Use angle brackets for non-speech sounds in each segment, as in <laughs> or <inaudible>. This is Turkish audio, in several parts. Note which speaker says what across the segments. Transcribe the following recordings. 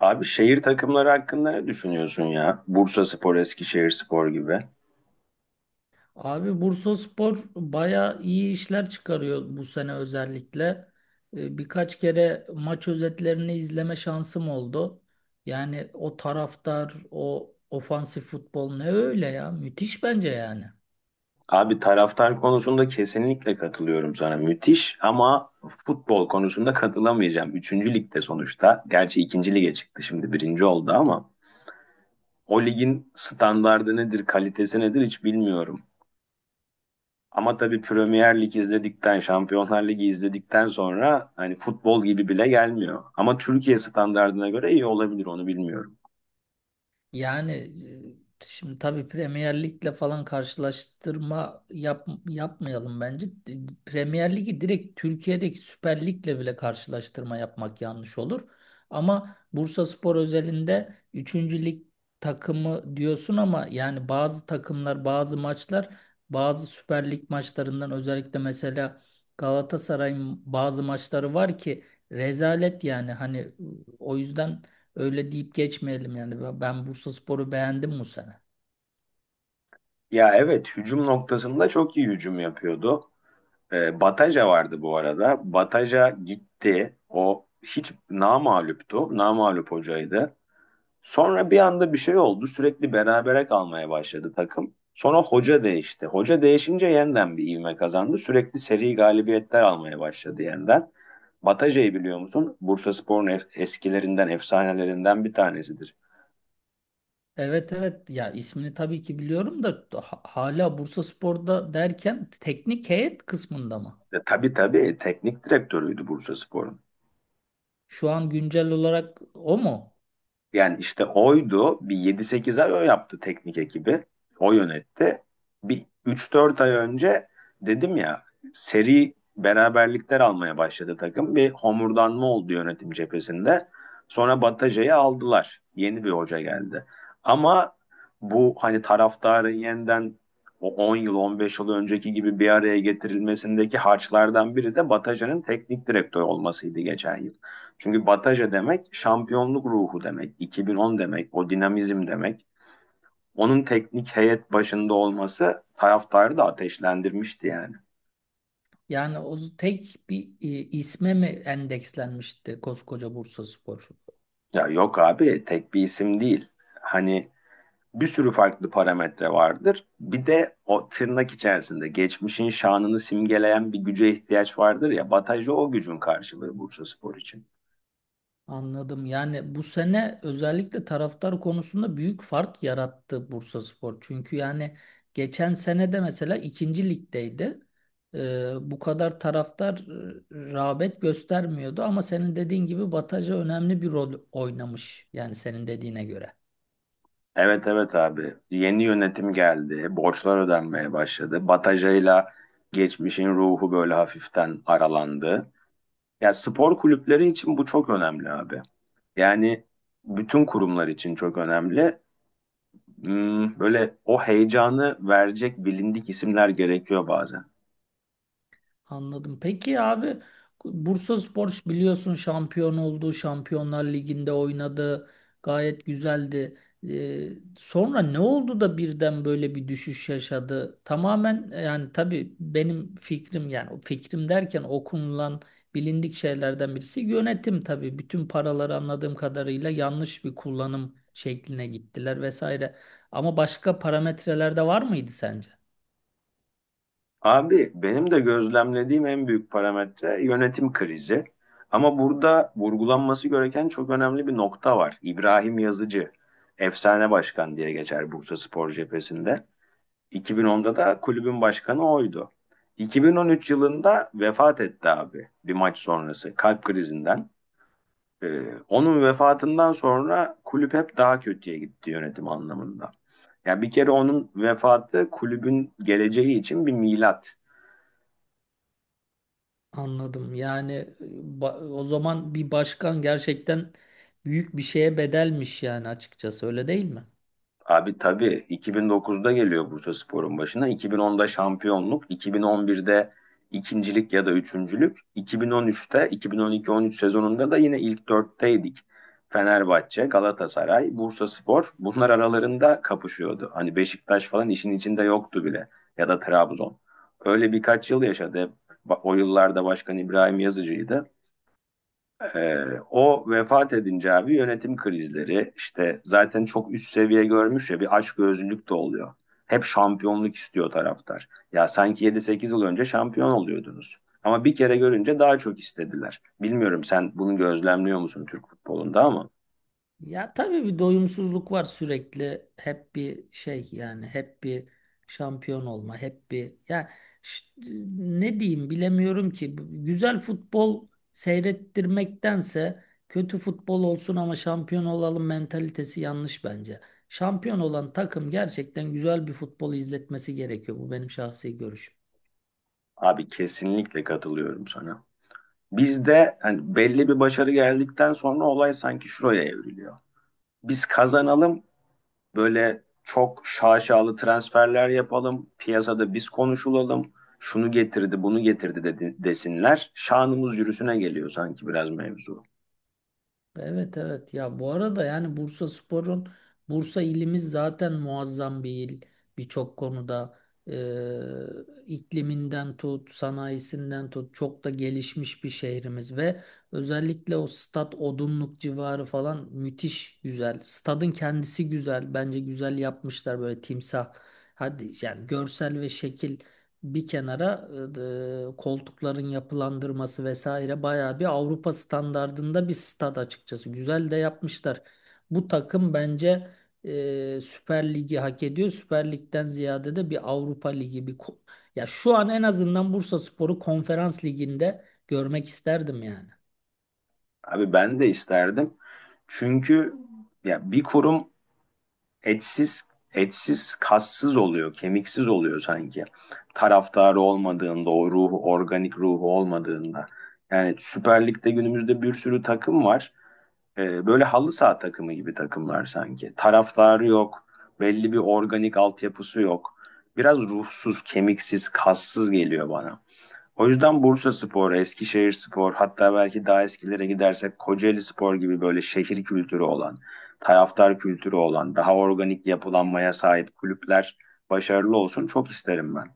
Speaker 1: Abi şehir takımları hakkında ne düşünüyorsun ya? Bursaspor, Eskişehirspor gibi.
Speaker 2: Abi Bursaspor baya iyi işler çıkarıyor bu sene özellikle. Birkaç kere maç özetlerini izleme şansım oldu. Yani o taraftar, o ofansif futbol ne öyle ya? Müthiş bence yani.
Speaker 1: Abi taraftar konusunda kesinlikle katılıyorum sana. Müthiş ama futbol konusunda katılamayacağım. Üçüncü ligde sonuçta. Gerçi ikinci lige çıktı şimdi birinci oldu ama o ligin standardı nedir, kalitesi nedir hiç bilmiyorum. Ama tabii Premier Lig izledikten, Şampiyonlar Ligi izledikten sonra hani futbol gibi bile gelmiyor. Ama Türkiye standardına göre iyi olabilir onu bilmiyorum.
Speaker 2: Yani Şimdi tabii Premier Lig'le falan karşılaştırma yapmayalım bence. Premier Lig'i direkt Türkiye'deki Süper Lig'le bile karşılaştırma yapmak yanlış olur. Ama Bursaspor özelinde üçüncü lig takımı diyorsun ama yani bazı takımlar, bazı Süper Lig maçlarından özellikle mesela Galatasaray'ın bazı maçları var ki rezalet yani hani, o yüzden öyle deyip geçmeyelim yani. Ben Bursaspor'u beğendim bu sene.
Speaker 1: Ya evet hücum noktasında çok iyi hücum yapıyordu. Bataja vardı bu arada. Bataja gitti. O hiç namağluptu. Namağlup hocaydı. Sonra bir anda bir şey oldu. Sürekli berabere kalmaya başladı takım. Sonra hoca değişti. Hoca değişince yeniden bir ivme kazandı. Sürekli seri galibiyetler almaya başladı yeniden. Bataja'yı biliyor musun? Bursaspor'un eskilerinden, efsanelerinden bir tanesidir.
Speaker 2: Evet evet ya, ismini tabii ki biliyorum da hala Bursaspor'da derken teknik heyet kısmında mı?
Speaker 1: Tabii tabii teknik direktörüydü Bursaspor'un.
Speaker 2: Şu an güncel olarak o mu?
Speaker 1: Yani işte oydu. Bir yedi sekiz ay o yaptı teknik ekibi. O yönetti. Bir üç dört ay önce dedim ya seri beraberlikler almaya başladı takım. Bir homurdanma oldu yönetim cephesinde. Sonra Bataja'yı aldılar. Yeni bir hoca geldi. Ama bu hani taraftarın yeniden o 10 yıl 15 yıl önceki gibi bir araya getirilmesindeki harçlardan biri de Bataja'nın teknik direktör olmasıydı geçen yıl. Çünkü Bataja demek şampiyonluk ruhu demek, 2010 demek, o dinamizm demek. Onun teknik heyet başında olması taraftarı da ateşlendirmişti yani.
Speaker 2: Yani tek bir isme mi endekslenmişti koskoca Bursaspor?
Speaker 1: Ya yok abi tek bir isim değil. Hani bir sürü farklı parametre vardır. Bir de o tırnak içerisinde geçmişin şanını simgeleyen bir güce ihtiyaç vardır ya. Bataja o gücün karşılığı Bursaspor için.
Speaker 2: Anladım. Yani bu sene özellikle taraftar konusunda büyük fark yarattı Bursaspor. Çünkü yani geçen sene de mesela ikinci ligdeydi. Bu kadar taraftar rağbet göstermiyordu, ama senin dediğin gibi Bataja önemli bir rol oynamış. Yani senin dediğine göre.
Speaker 1: Evet evet abi. Yeni yönetim geldi. Borçlar ödenmeye başladı. Batajayla geçmişin ruhu böyle hafiften aralandı. Ya spor kulüpleri için bu çok önemli abi. Yani bütün kurumlar için çok önemli. Böyle o heyecanı verecek bilindik isimler gerekiyor bazen.
Speaker 2: Anladım. Peki abi, Bursaspor biliyorsun şampiyon oldu. Şampiyonlar Ligi'nde oynadı. Gayet güzeldi. Ee, Sonra ne oldu da birden böyle bir düşüş yaşadı? Tamamen yani tabii benim fikrim, yani o fikrim derken, okunulan bilindik şeylerden birisi yönetim tabii. Bütün paraları anladığım kadarıyla yanlış bir kullanım şekline gittiler vesaire. Ama başka parametreler de var mıydı sence?
Speaker 1: Abi benim de gözlemlediğim en büyük parametre yönetim krizi. Ama burada vurgulanması gereken çok önemli bir nokta var. İbrahim Yazıcı, efsane başkan diye geçer Bursaspor cephesinde. 2010'da da kulübün başkanı oydu. 2013 yılında vefat etti abi bir maç sonrası kalp krizinden. Onun vefatından sonra kulüp hep daha kötüye gitti yönetim anlamında. Ya bir kere onun vefatı kulübün geleceği için bir milat.
Speaker 2: Anladım. Yani o zaman bir başkan gerçekten büyük bir şeye bedelmiş yani, açıkçası, öyle değil mi?
Speaker 1: Abi tabii 2009'da geliyor Bursaspor'un başına. 2010'da şampiyonluk, 2011'de ikincilik ya da üçüncülük, 2013'te 2012-13 sezonunda da yine ilk dörtteydik. Fenerbahçe, Galatasaray, Bursaspor bunlar aralarında kapışıyordu. Hani Beşiktaş falan işin içinde yoktu bile ya da Trabzon. Öyle birkaç yıl yaşadı. Hep o yıllarda Başkan İbrahim Yazıcı'ydı. Ee, o vefat edince abi yönetim krizleri işte zaten çok üst seviye görmüş ya bir açgözlülük de oluyor. Hep şampiyonluk istiyor taraftar. Ya sanki 7-8 yıl önce şampiyon oluyordunuz. Ama bir kere görünce daha çok istediler. Bilmiyorum sen bunu gözlemliyor musun Türk futbolunda ama
Speaker 2: Ya tabii bir doyumsuzluk var sürekli. Hep bir şey, yani hep bir şampiyon olma, hep bir ya, ş- ne diyeyim bilemiyorum ki. Güzel futbol seyrettirmektense kötü futbol olsun ama şampiyon olalım mentalitesi yanlış bence. Şampiyon olan takım gerçekten güzel bir futbol izletmesi gerekiyor. Bu benim şahsi görüşüm.
Speaker 1: abi kesinlikle katılıyorum sana. Bizde hani belli bir başarı geldikten sonra olay sanki şuraya evriliyor. Biz kazanalım böyle çok şaşalı transferler yapalım, piyasada biz konuşulalım, şunu getirdi, bunu getirdi dedi, desinler. Şanımız yürüsüne geliyor sanki biraz mevzu.
Speaker 2: Evet evet ya, bu arada yani Bursaspor'un, Bursa ilimiz zaten muazzam bir il birçok konuda. Ee, ikliminden tut, sanayisinden tut, çok da gelişmiş bir şehrimiz ve özellikle o stat Odunluk civarı falan müthiş güzel, stadın kendisi güzel bence, güzel yapmışlar böyle timsah, hadi yani görsel ve şekil bir kenara, koltukların yapılandırması vesaire bayağı bir Avrupa standardında bir stad açıkçası. Güzel de yapmışlar. Bu takım bence Süper Lig'i hak ediyor. Süper Lig'den ziyade de bir Avrupa Ligi, ya şu an en azından Bursaspor'u Konferans Ligi'nde görmek isterdim yani.
Speaker 1: Abi ben de isterdim. Çünkü ya bir kurum etsiz etsiz kassız oluyor, kemiksiz oluyor sanki. Taraftarı olmadığında, o ruhu, organik ruhu olmadığında. Yani Süper Lig'de günümüzde bir sürü takım var. Böyle halı saha takımı gibi takımlar sanki. Taraftarı yok, belli bir organik altyapısı yok. Biraz ruhsuz, kemiksiz, kassız geliyor bana. O yüzden Bursaspor, Eskişehirspor, hatta belki daha eskilere gidersek Kocaelispor gibi böyle şehir kültürü olan, taraftar kültürü olan, daha organik yapılanmaya sahip kulüpler başarılı olsun çok isterim ben.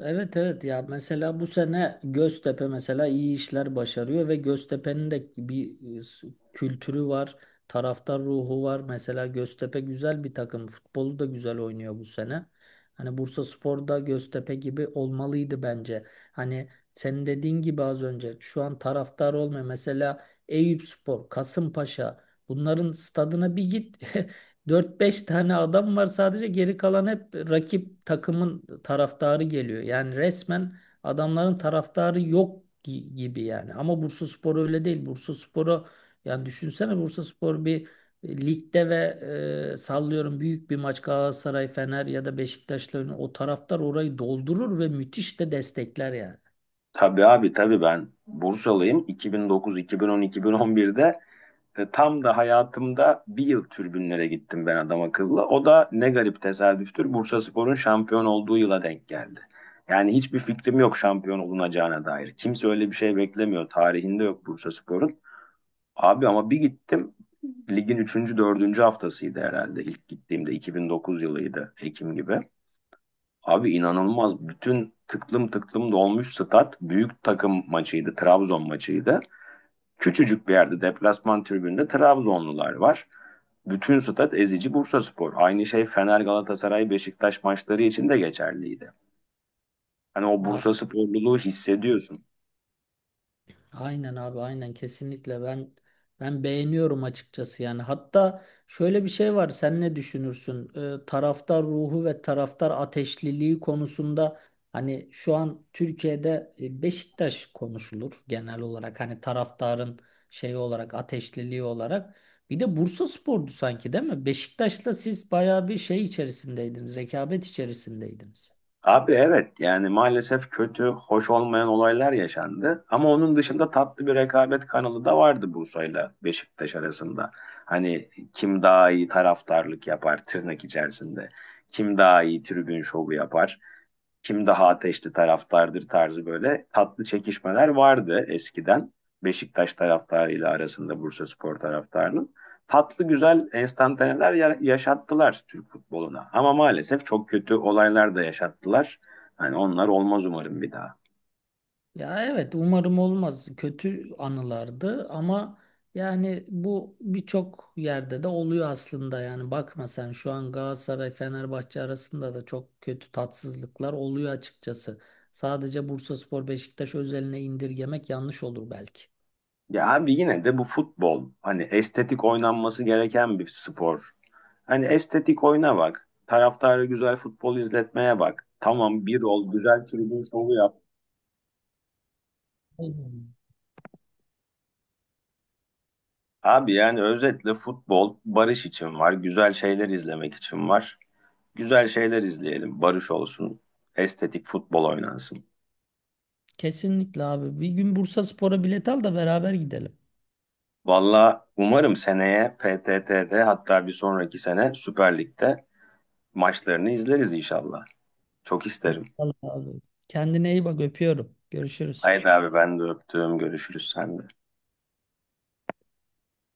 Speaker 2: Evet evet ya, mesela bu sene Göztepe mesela iyi işler başarıyor ve Göztepe'nin de bir kültürü var, taraftar ruhu var. Mesela Göztepe güzel bir takım, futbolu da güzel oynuyor bu sene. Hani Bursaspor da Göztepe gibi olmalıydı bence. Hani senin dediğin gibi az önce, şu an taraftar olmuyor. Mesela Eyüpspor, Kasımpaşa, bunların stadına bir git <laughs> dört beş tane adam var sadece, geri kalan hep rakip takımın taraftarı geliyor. Yani resmen adamların taraftarı yok gibi yani. Ama Bursaspor öyle değil. Yani düşünsene, Bursaspor bir ligde ve sallıyorum büyük bir maç, Galatasaray, Fener ya da Beşiktaş'la oynuyor, o taraftar orayı doldurur ve müthiş de destekler yani.
Speaker 1: Tabii abi tabii ben Bursalıyım. 2009, 2010, 2011'de tam da hayatımda bir yıl tribünlere gittim ben adam akıllı. O da ne garip tesadüftür. Bursaspor'un şampiyon olduğu yıla denk geldi. Yani hiçbir fikrim yok şampiyon olunacağına dair. Kimse öyle bir şey beklemiyor. Tarihinde yok Bursaspor'un. Abi ama bir gittim. Ligin üçüncü dördüncü haftasıydı herhalde. İlk gittiğimde 2009 yılıydı. Ekim gibi. Abi inanılmaz. Bütün tıklım tıklım dolmuş stat. Büyük takım maçıydı. Trabzon maçıydı. Küçücük bir yerde deplasman tribünde Trabzonlular var. Bütün stat ezici Bursa Spor. Aynı şey Fener Galatasaray Beşiktaş maçları için de geçerliydi. Hani o Bursa sporluluğu hissediyorsun.
Speaker 2: Aynen abi aynen, kesinlikle ben beğeniyorum açıkçası yani. Hatta şöyle bir şey var, sen ne düşünürsün? Taraftar ruhu ve taraftar ateşliliği konusunda hani şu an Türkiye'de Beşiktaş konuşulur genel olarak, hani taraftarın şeyi olarak, ateşliliği olarak, bir de Bursaspor'du sanki, değil mi? Beşiktaş'la siz bayağı bir şey içerisindeydiniz, rekabet içerisindeydiniz.
Speaker 1: Abi evet yani maalesef kötü, hoş olmayan olaylar yaşandı. Ama onun dışında tatlı bir rekabet kanalı da vardı Bursa'yla Beşiktaş arasında. Hani kim daha iyi taraftarlık yapar tırnak içerisinde. Kim daha iyi tribün şovu yapar. Kim daha ateşli taraftardır tarzı böyle tatlı çekişmeler vardı eskiden. Beşiktaş taraftarıyla arasında Bursaspor taraftarının. Tatlı güzel enstantaneler yaşattılar Türk futboluna. Ama maalesef çok kötü olaylar da yaşattılar. Hani onlar olmaz umarım bir daha.
Speaker 2: Ya evet, umarım olmaz. Kötü anılardı ama yani bu birçok yerde de oluyor aslında. Yani bakma sen, şu an Galatasaray Fenerbahçe arasında da çok kötü tatsızlıklar oluyor açıkçası. Sadece Bursaspor Beşiktaş özeline indirgemek yanlış olur belki.
Speaker 1: Ya abi yine de bu futbol hani estetik oynanması gereken bir spor. Hani estetik oyna bak. Taraftarı güzel futbol izletmeye bak. Tamam bir ol güzel tribün şovu yap.
Speaker 2: Aynen.
Speaker 1: Abi yani özetle futbol barış için var, güzel şeyler izlemek için var. Güzel şeyler izleyelim, barış olsun, estetik futbol oynansın.
Speaker 2: Kesinlikle abi. Bir gün Bursaspor'a bilet al da beraber gidelim.
Speaker 1: Valla umarım seneye PTT'de hatta bir sonraki sene Süper Lig'de maçlarını izleriz inşallah. Çok isterim.
Speaker 2: İnşallah abi. Kendine iyi bak, öpüyorum. Görüşürüz.
Speaker 1: Haydi abi ben de öptüm, görüşürüz sen